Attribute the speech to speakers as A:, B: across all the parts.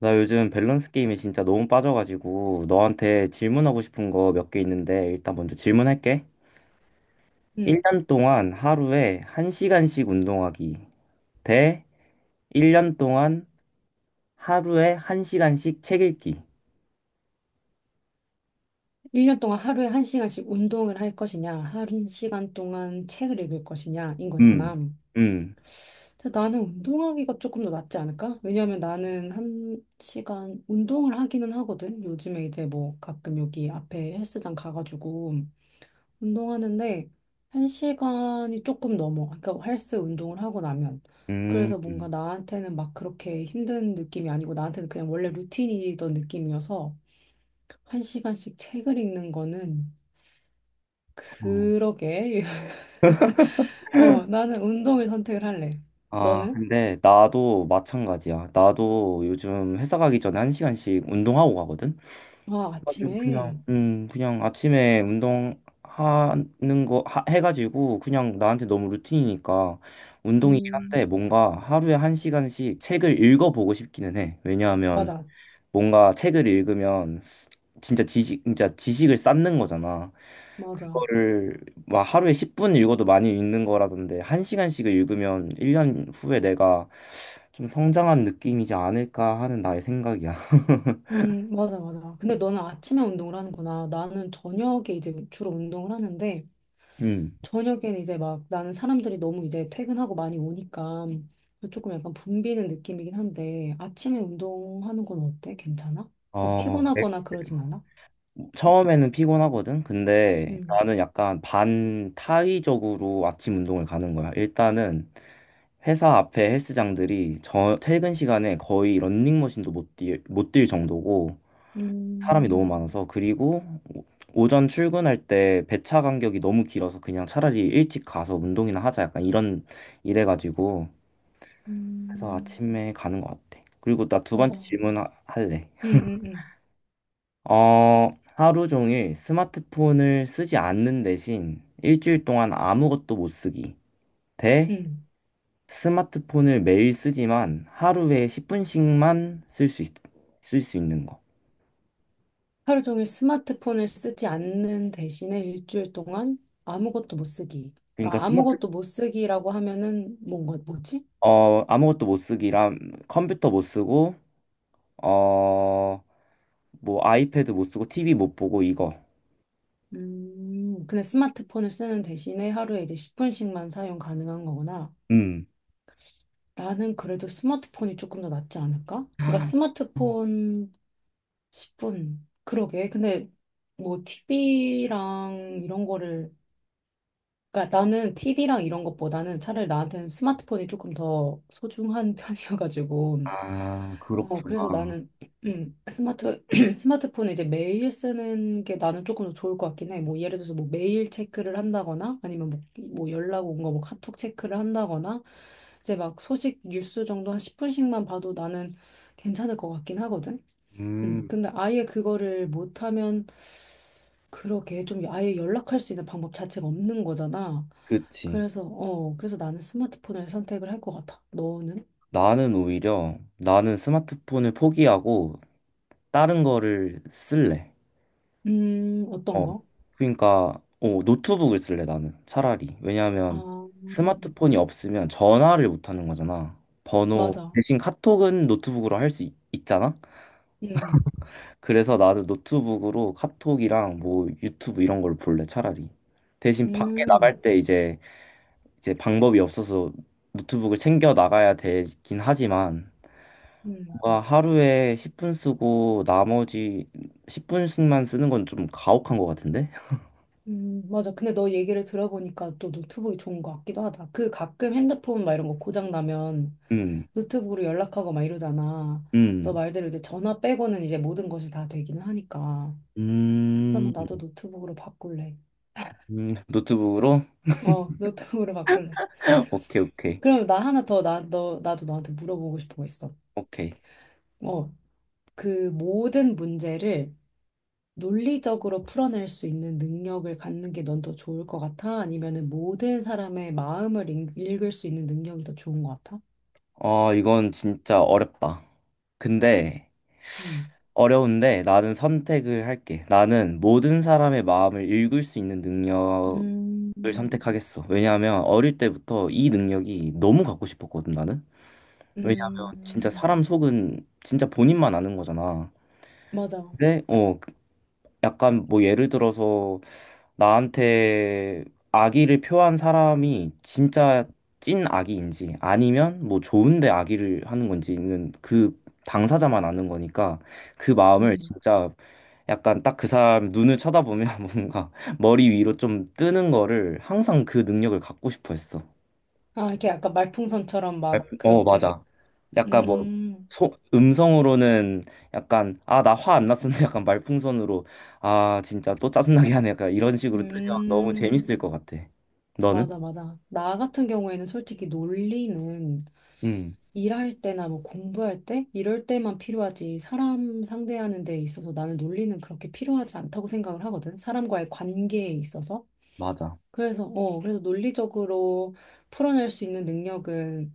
A: 나 요즘 밸런스 게임에 진짜 너무 빠져가지고 너한테 질문하고 싶은 거 몇 개 있는데 일단 먼저 질문할게.
B: 음,
A: 1년 동안 하루에 1시간씩 운동하기 대 1년 동안 하루에 1시간씩 책 읽기.
B: 1년 동안 하루에 1시간씩 운동을 할 것이냐, 1시간 동안 책을 읽을 것이냐인
A: 음.
B: 거잖아.
A: 음.
B: 근데 나는 운동하기가 조금 더 낫지 않을까? 왜냐하면 나는 1시간 운동을 하기는 하거든. 요즘에 이제 뭐 가끔 여기 앞에 헬스장 가가지고 운동하는데 1시간이 조금 넘어. 그러니까 헬스 운동을 하고 나면.
A: 음.
B: 그래서 뭔가
A: 음.
B: 나한테는 막 그렇게 힘든 느낌이 아니고 나한테는 그냥 원래 루틴이던 느낌이어서 1시간씩 책을 읽는 거는
A: 어.
B: 그러게. 어, 나는 운동을 선택을 할래.
A: 아,
B: 너는?
A: 근데 나도 마찬가지야. 나도 요즘 회사 가기 전에 1시간씩 운동하고 가거든.
B: 아,
A: 가지고
B: 아침에.
A: 그냥 그냥 아침에 운동하는 거 해가지고 그냥 나한테 너무 루틴이니까 운동이긴 한데
B: 음,
A: 뭔가 하루에 한 시간씩 책을 읽어보고 싶기는 해. 왜냐하면
B: 맞아.
A: 뭔가 책을 읽으면 진짜 지식을 쌓는 거잖아.
B: 맞아.
A: 그거를 막 하루에 10분 읽어도 많이 읽는 거라던데 한시간씩을 읽으면 1년 후에 내가 좀 성장한 느낌이지 않을까 하는 나의 생각이야.
B: 맞아, 맞아. 근데 너는 아침에 운동을 하는구나. 나는 저녁에 이제 주로 운동을 하는데,
A: 음.
B: 저녁에는 이제 막 나는 사람들이 너무 이제 퇴근하고 많이 오니까 조금 약간 붐비는 느낌이긴 한데, 아침에 운동하는 건 어때? 괜찮아? 막
A: 어,
B: 피곤하거나 그러진 않아?
A: 처음에는 피곤하거든. 근데
B: 음,
A: 나는 약간 반타의적으로 아침 운동을 가는 거야. 일단은 회사 앞에 헬스장들이 저 퇴근 시간에 거의 런닝머신도 못 뛸 정도고 사람이 너무
B: 음,
A: 많아서 그리고 오- 오전 출근할 때 배차 간격이 너무 길어서 그냥 차라리 일찍 가서 운동이나 하자 약간 이런 이래가지고 그래서
B: 음,
A: 아침에 가는 것 같아. 그리고 나 두 번째
B: 맞아.
A: 질문 할래.
B: 음, 음, 음.
A: 어, 하루 종일 스마트폰을 쓰지 않는 대신 일주일 동안 아무것도 못 쓰기. 대
B: 음.
A: 스마트폰을 매일 쓰지만 하루에 10분씩만 쓸 수 있는 거.
B: 하루 종일 스마트폰을 쓰지 않는 대신에 일주일 동안 아무것도 못 쓰기.
A: 그러니까
B: 그러니까 아무것도 못 쓰기라고 하면은 뭔가 뭐지?
A: 아무것도 못 쓰기랑 컴퓨터 못 쓰고, 어, 뭐 아이패드 못 쓰고 TV 못 보고 이거.
B: 그냥 스마트폰을 쓰는 대신에 하루에 이제 10분씩만 사용 가능한 거구나.
A: 음.
B: 나는 그래도 스마트폰이 조금 더 낫지 않을까? 그러니까 스마트폰 10분. 그러게. 근데 뭐 TV랑 이런 거를 그러니까 나는 티비랑 이런 것보다는 차라리 나한테는 스마트폰이 조금 더 소중한 편이어가지고
A: 아,
B: 그래서
A: 그렇구나.
B: 나는 스마트 스마트폰을 이제 매일 쓰는 게 나는 조금 더 좋을 것 같긴 해. 뭐 예를 들어서 뭐 메일 체크를 한다거나 아니면 뭐 연락 온 거 뭐 카톡 체크를 한다거나 이제 막 소식 뉴스 정도 한 10분씩만 봐도 나는 괜찮을 것 같긴 하거든.
A: 음,
B: 근데 아예 그거를 못하면 그렇게 좀 아예 연락할 수 있는 방법 자체가 없는 거잖아.
A: 그치.
B: 그래서 나는 스마트폰을 선택을 할 것 같아. 너는?
A: 나는 오히려 나는 스마트폰을 포기하고 다른 거를 쓸래.
B: 어떤
A: 어.
B: 거?
A: 그러니까 노트북을 쓸래 나는 차라리.
B: 아,
A: 왜냐하면 스마트폰이 없으면 전화를 못 하는 거잖아. 번호
B: 맞아.
A: 대신 카톡은 노트북으로 할 수 있잖아.
B: 음,
A: 그래서 나도 노트북으로 카톡이랑 뭐 유튜브 이런 걸 볼래 차라리. 대신 밖에 나갈
B: 음,
A: 때 이제 방법이 없어서 노트북을 챙겨 나가야 되긴 하지만
B: 음,
A: 뭔가 하루에 10분 쓰고 나머지 10분씩만 쓰는 건 좀 가혹한 것 같은데?
B: 맞아. 근데 너 얘기를 들어보니까 또 노트북이 좋은 것 같기도 하다. 그 가끔 핸드폰 막 이런 거 고장 나면
A: 음,
B: 노트북으로 연락하고 막 이러잖아. 너
A: 음,
B: 말대로 이제 전화 빼고는 이제 모든 것이 다 되기는 하니까. 그러면
A: 음,
B: 나도 노트북으로 바꿀래.
A: 노트북으로?
B: 어, 노트북으로 바꿀래.
A: 오케이, 오케이,
B: 그러면 나 하나 더, 나도 너한테 물어보고 싶은 거 있어.
A: 오케이.
B: 어, 그 모든 문제를 논리적으로 풀어낼 수 있는 능력을 갖는 게 넌 더 좋을 것 같아? 아니면은 모든 사람의 마음을 읽을 수 있는 능력이 더 좋은 것 같아?
A: 어, 이건 진짜 어렵다. 근데,
B: 음.
A: 어려운데 나는 선택을 할게. 나는 모든 사람의 마음을 읽을 수 있는 능력을
B: 음,
A: 선택하겠어. 왜냐하면 어릴 때부터 이 능력이 너무 갖고 싶었거든, 나는. 왜냐하면 진짜
B: 음,
A: 사람 속은 진짜 본인만 아는 거잖아.
B: 맞아.
A: 근데, 약간 뭐 예를 들어서 나한테 악의를 표한 사람이 진짜 찐 악의인지 아니면 뭐 좋은데 악의를 하는 건지는 그 당사자만 아는 거니까 그 마음을
B: 음.
A: 진짜 약간 딱 그 사람 눈을 쳐다보면 뭔가 머리 위로 좀 뜨는 거를 항상 그 능력을 갖고 싶어 했어.
B: 아, 이렇게 약간 말풍선처럼 막 그렇게.
A: 맞아. 약간 뭐,
B: 음,
A: 음성으로는 약간, 아, 나 화 안 났었는데 약간 말풍선으로, 아, 진짜 또 짜증나게 하네. 약간 이런 식으로 뜨면 너무
B: 음,
A: 재밌을 것 같아. 너는?
B: 맞아, 맞아. 나 같은 경우에는 솔직히 논리는
A: 응,
B: 일할 때나 뭐 공부할 때 이럴 때만 필요하지 사람 상대하는 데 있어서 나는 논리는 그렇게 필요하지 않다고 생각을 하거든. 사람과의 관계에 있어서.
A: 맞아.
B: 그래서 논리적으로 풀어낼 수 있는 능력은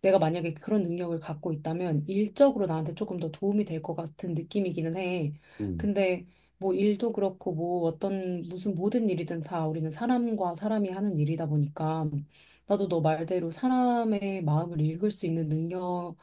B: 내가 만약에 그런 능력을 갖고 있다면 일적으로 나한테 조금 더 도움이 될 것 같은 느낌이기는 해.
A: 응,
B: 근데 뭐 일도 그렇고 뭐 어떤 무슨 모든 일이든 다 우리는 사람과 사람이 하는 일이다 보니까 나도 너 말대로 사람의 마음을 읽을 수 있는 능력을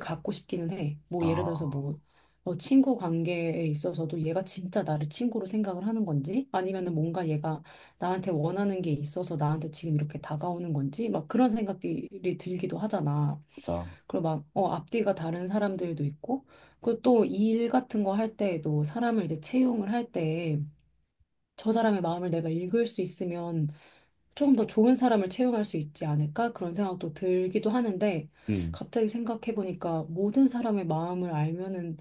B: 갖고 싶기는 해. 뭐
A: 아,
B: 예를 들어서 뭐 친구 관계에 있어서도 얘가 진짜 나를 친구로 생각을 하는 건지 아니면은 뭔가 얘가 나한테 원하는 게 있어서 나한테 지금 이렇게 다가오는 건지 막 그런 생각들이 들기도 하잖아.
A: 맞아.
B: 그리고 막 앞뒤가 다른 사람들도 있고 그리고 또 일 같은 거 할 때에도 사람을 이제 채용을 할 때 저 사람의 마음을 내가 읽을 수 있으면 좀 더 좋은 사람을 채용할 수 있지 않을까? 그런 생각도 들기도 하는데
A: 응.
B: 갑자기 생각해 보니까 모든 사람의 마음을 알면은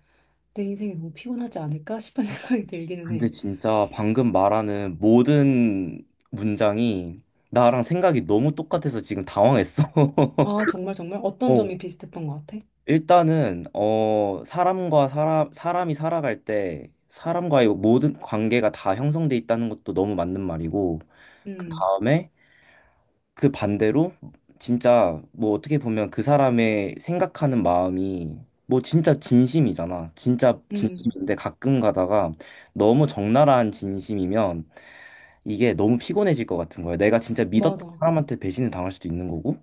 B: 내 인생이 너무 피곤하지 않을까 싶은 생각이 들기는 해.
A: 근데 진짜 방금 말하는 모든 문장이 나랑 생각이 너무 똑같아서 지금 당황했어.
B: 아, 정말 정말 어떤
A: 어,
B: 점이 비슷했던 것 같아?
A: 일단은 사람과 사람이 살아갈 때 사람과의 모든 관계가 다 형성돼 있다는 것도 너무 맞는 말이고 그
B: 음,
A: 다음에 그 반대로 진짜 뭐 어떻게 보면 그 사람의 생각하는 마음이 뭐 진짜 진심이잖아. 진짜
B: 음.
A: 진심인데 가끔 가다가 너무 적나라한 진심이면 이게 너무 피곤해질 것 같은 거야. 내가 진짜 믿었던
B: 맞아.
A: 사람한테 배신을 당할 수도 있는 거고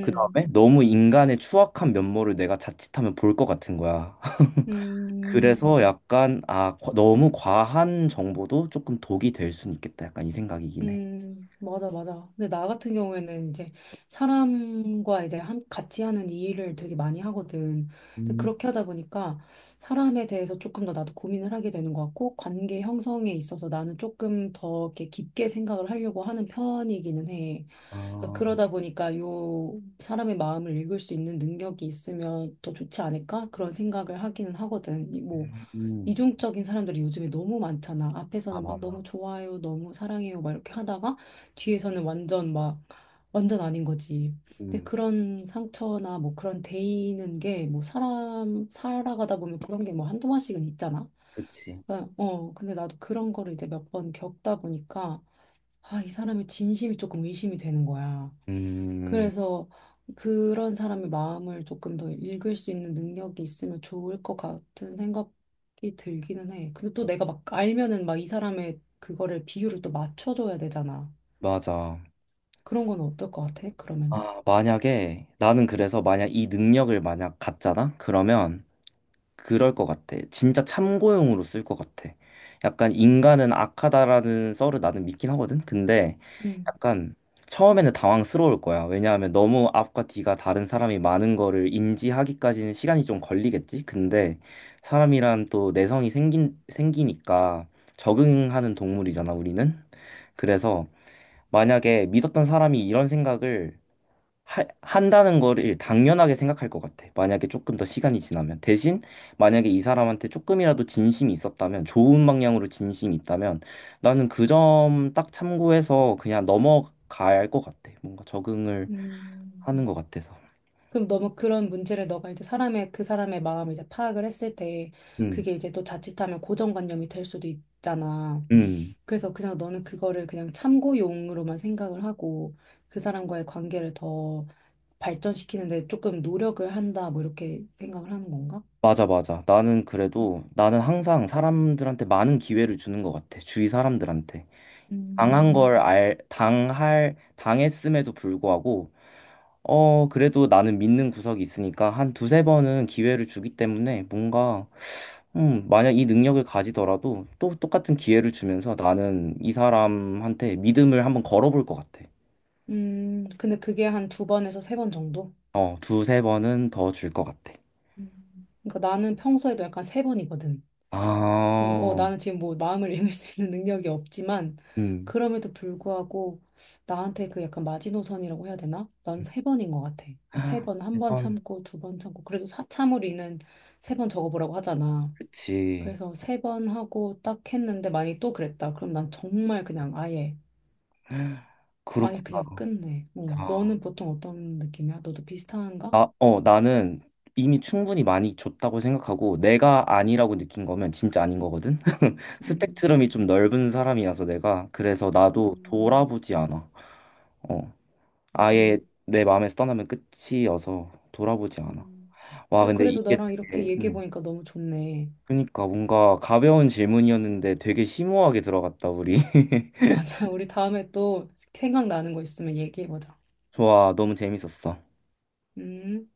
A: 그 다음에 너무 인간의 추악한 면모를 내가 자칫하면 볼 것 같은 거야.
B: 음,
A: 그래서 약간 아 너무 과한 정보도 조금 독이 될 수는 있겠다. 약간 이 생각이긴 해.
B: 맞아, 맞아. 근데 나 같은 경우에는 이제 사람과 이제 같이 하는 이 일을 되게 많이 하거든. 근데
A: 음,
B: 그렇게 하다 보니까 사람에 대해서 조금 더 나도 고민을 하게 되는 것 같고, 관계 형성에 있어서 나는 조금 더 이렇게 깊게 생각을 하려고 하는 편이기는 해. 그러니까
A: 아,
B: 그러다 보니까 요 사람의 마음을 읽을 수 있는 능력이 있으면 더 좋지 않을까? 그런 생각을 하기는 하거든. 이 뭐,
A: 음,
B: 이중적인 사람들이 요즘에 너무 많잖아.
A: 아
B: 앞에서는 막
A: 많아.
B: 너무 좋아요, 너무 사랑해요, 막 이렇게 하다가 뒤에서는 완전 막 완전 아닌 거지. 근데
A: 음,
B: 그런 상처나 뭐 그런 데이는 게 뭐 사람 살아가다 보면 그런 게 뭐 한두 번씩은 있잖아.
A: 그치.
B: 그러니까, 근데 나도 그런 거를 이제 몇 번 겪다 보니까 아, 이 사람의 진심이 조금 의심이 되는 거야.
A: 음,
B: 그래서 그런 사람의 마음을 조금 더 읽을 수 있는 능력이 있으면 좋을 것 같은 생각이 들기는 해. 근데 또 내가 막 알면은 막 이 사람의 그거를 비율을 또 맞춰줘야 되잖아.
A: 맞아.
B: 그런 건 어떨 것 같아? 그러면은?
A: 아 만약에 나는 그래서 만약 이 능력을 만약 갖잖아? 그러면 그럴 것 같아. 진짜 참고용으로 쓸 것 같아. 약간 인간은 악하다라는 썰을 나는 믿긴 하거든. 근데
B: 음.
A: 약간 처음에는 당황스러울 거야. 왜냐하면 너무 앞과 뒤가 다른 사람이 많은 거를 인지하기까지는 시간이 좀 걸리겠지. 근데 사람이란 또 내성이 생기니까 적응하는 동물이잖아, 우리는. 그래서 만약에 믿었던 사람이 이런 생각을 한다는 거를 당연하게 생각할 것 같아. 만약에 조금 더 시간이 지나면. 대신 만약에 이 사람한테 조금이라도 진심이 있었다면, 좋은 방향으로 진심이 있다면, 나는 그 점 딱 참고해서 그냥 넘어갈 것 같아. 뭔가 적응을
B: 음.
A: 하는 것 같아서.
B: 그럼 너무 그런 문제를 너가 이제 사람의 그 사람의 마음을 이제 파악을 했을 때
A: 음,
B: 그게 이제 또 자칫하면 고정관념이 될 수도 있잖아.
A: 음.
B: 그래서 그냥 너는 그거를 그냥 참고용으로만 생각을 하고 그 사람과의 관계를 더 발전시키는데 조금 노력을 한다, 뭐 이렇게 생각을 하는 건가?
A: 맞아, 맞아. 나는 그래도, 나는 항상 사람들한테 많은 기회를 주는 것 같아. 주위 사람들한테. 당한
B: 음,
A: 걸 알, 당할, 당했음에도 불구하고, 어, 그래도 나는 믿는 구석이 있으니까 한 두세 번은 기회를 주기 때문에 뭔가, 만약 이 능력을 가지더라도 또 똑같은 기회를 주면서 나는 이 사람한테 믿음을 한번 걸어볼 것 같아.
B: 근데 그게 한 두 번에서 세 번 정도?
A: 어, 두세 번은 더 줄 것 같아.
B: 그러니까 나는 평소에도 약간 세 번이거든.
A: 아,
B: 나는 지금 뭐 마음을 읽을 수 있는 능력이 없지만,
A: 음.
B: 그럼에도 불구하고 나한테 그 약간 마지노선이라고 해야 되나? 난 세 번인 것 같아. 그러니까 세 번, 한 번
A: 이건
B: 참고, 두 번 참고, 그래도 참으리는 세 번 적어보라고 하잖아.
A: 그치.
B: 그래서 세 번 하고 딱 했는데 만약에 또 그랬다. 그럼 난 정말 그냥 아예
A: 그렇구나.
B: 그냥 끝내. 어.
A: 아,
B: 너는 보통 어떤 느낌이야? 너도 비슷한가?
A: 나는 이미 충분히 많이 줬다고 생각하고 내가 아니라고 느낀 거면 진짜 아닌 거거든.
B: 음,
A: 스펙트럼이 좀 넓은 사람이라서 내가 그래서 나도
B: 음,
A: 돌아보지 않아. 어. 아예
B: 음,
A: 내 마음에서 떠나면 끝이어서 돌아보지 않아.
B: 음.
A: 와,
B: 근데
A: 근데
B: 그래도
A: 이게
B: 나랑 이렇게
A: 되게
B: 얘기해보니까 너무 좋네.
A: 그러니까 뭔가 가벼운 질문이었는데 되게 심오하게 들어갔다, 우리.
B: 맞아. 우리 다음에 또 생각나는 거 있으면 얘기해보자.
A: 좋아, 너무 재밌었어.
B: 음.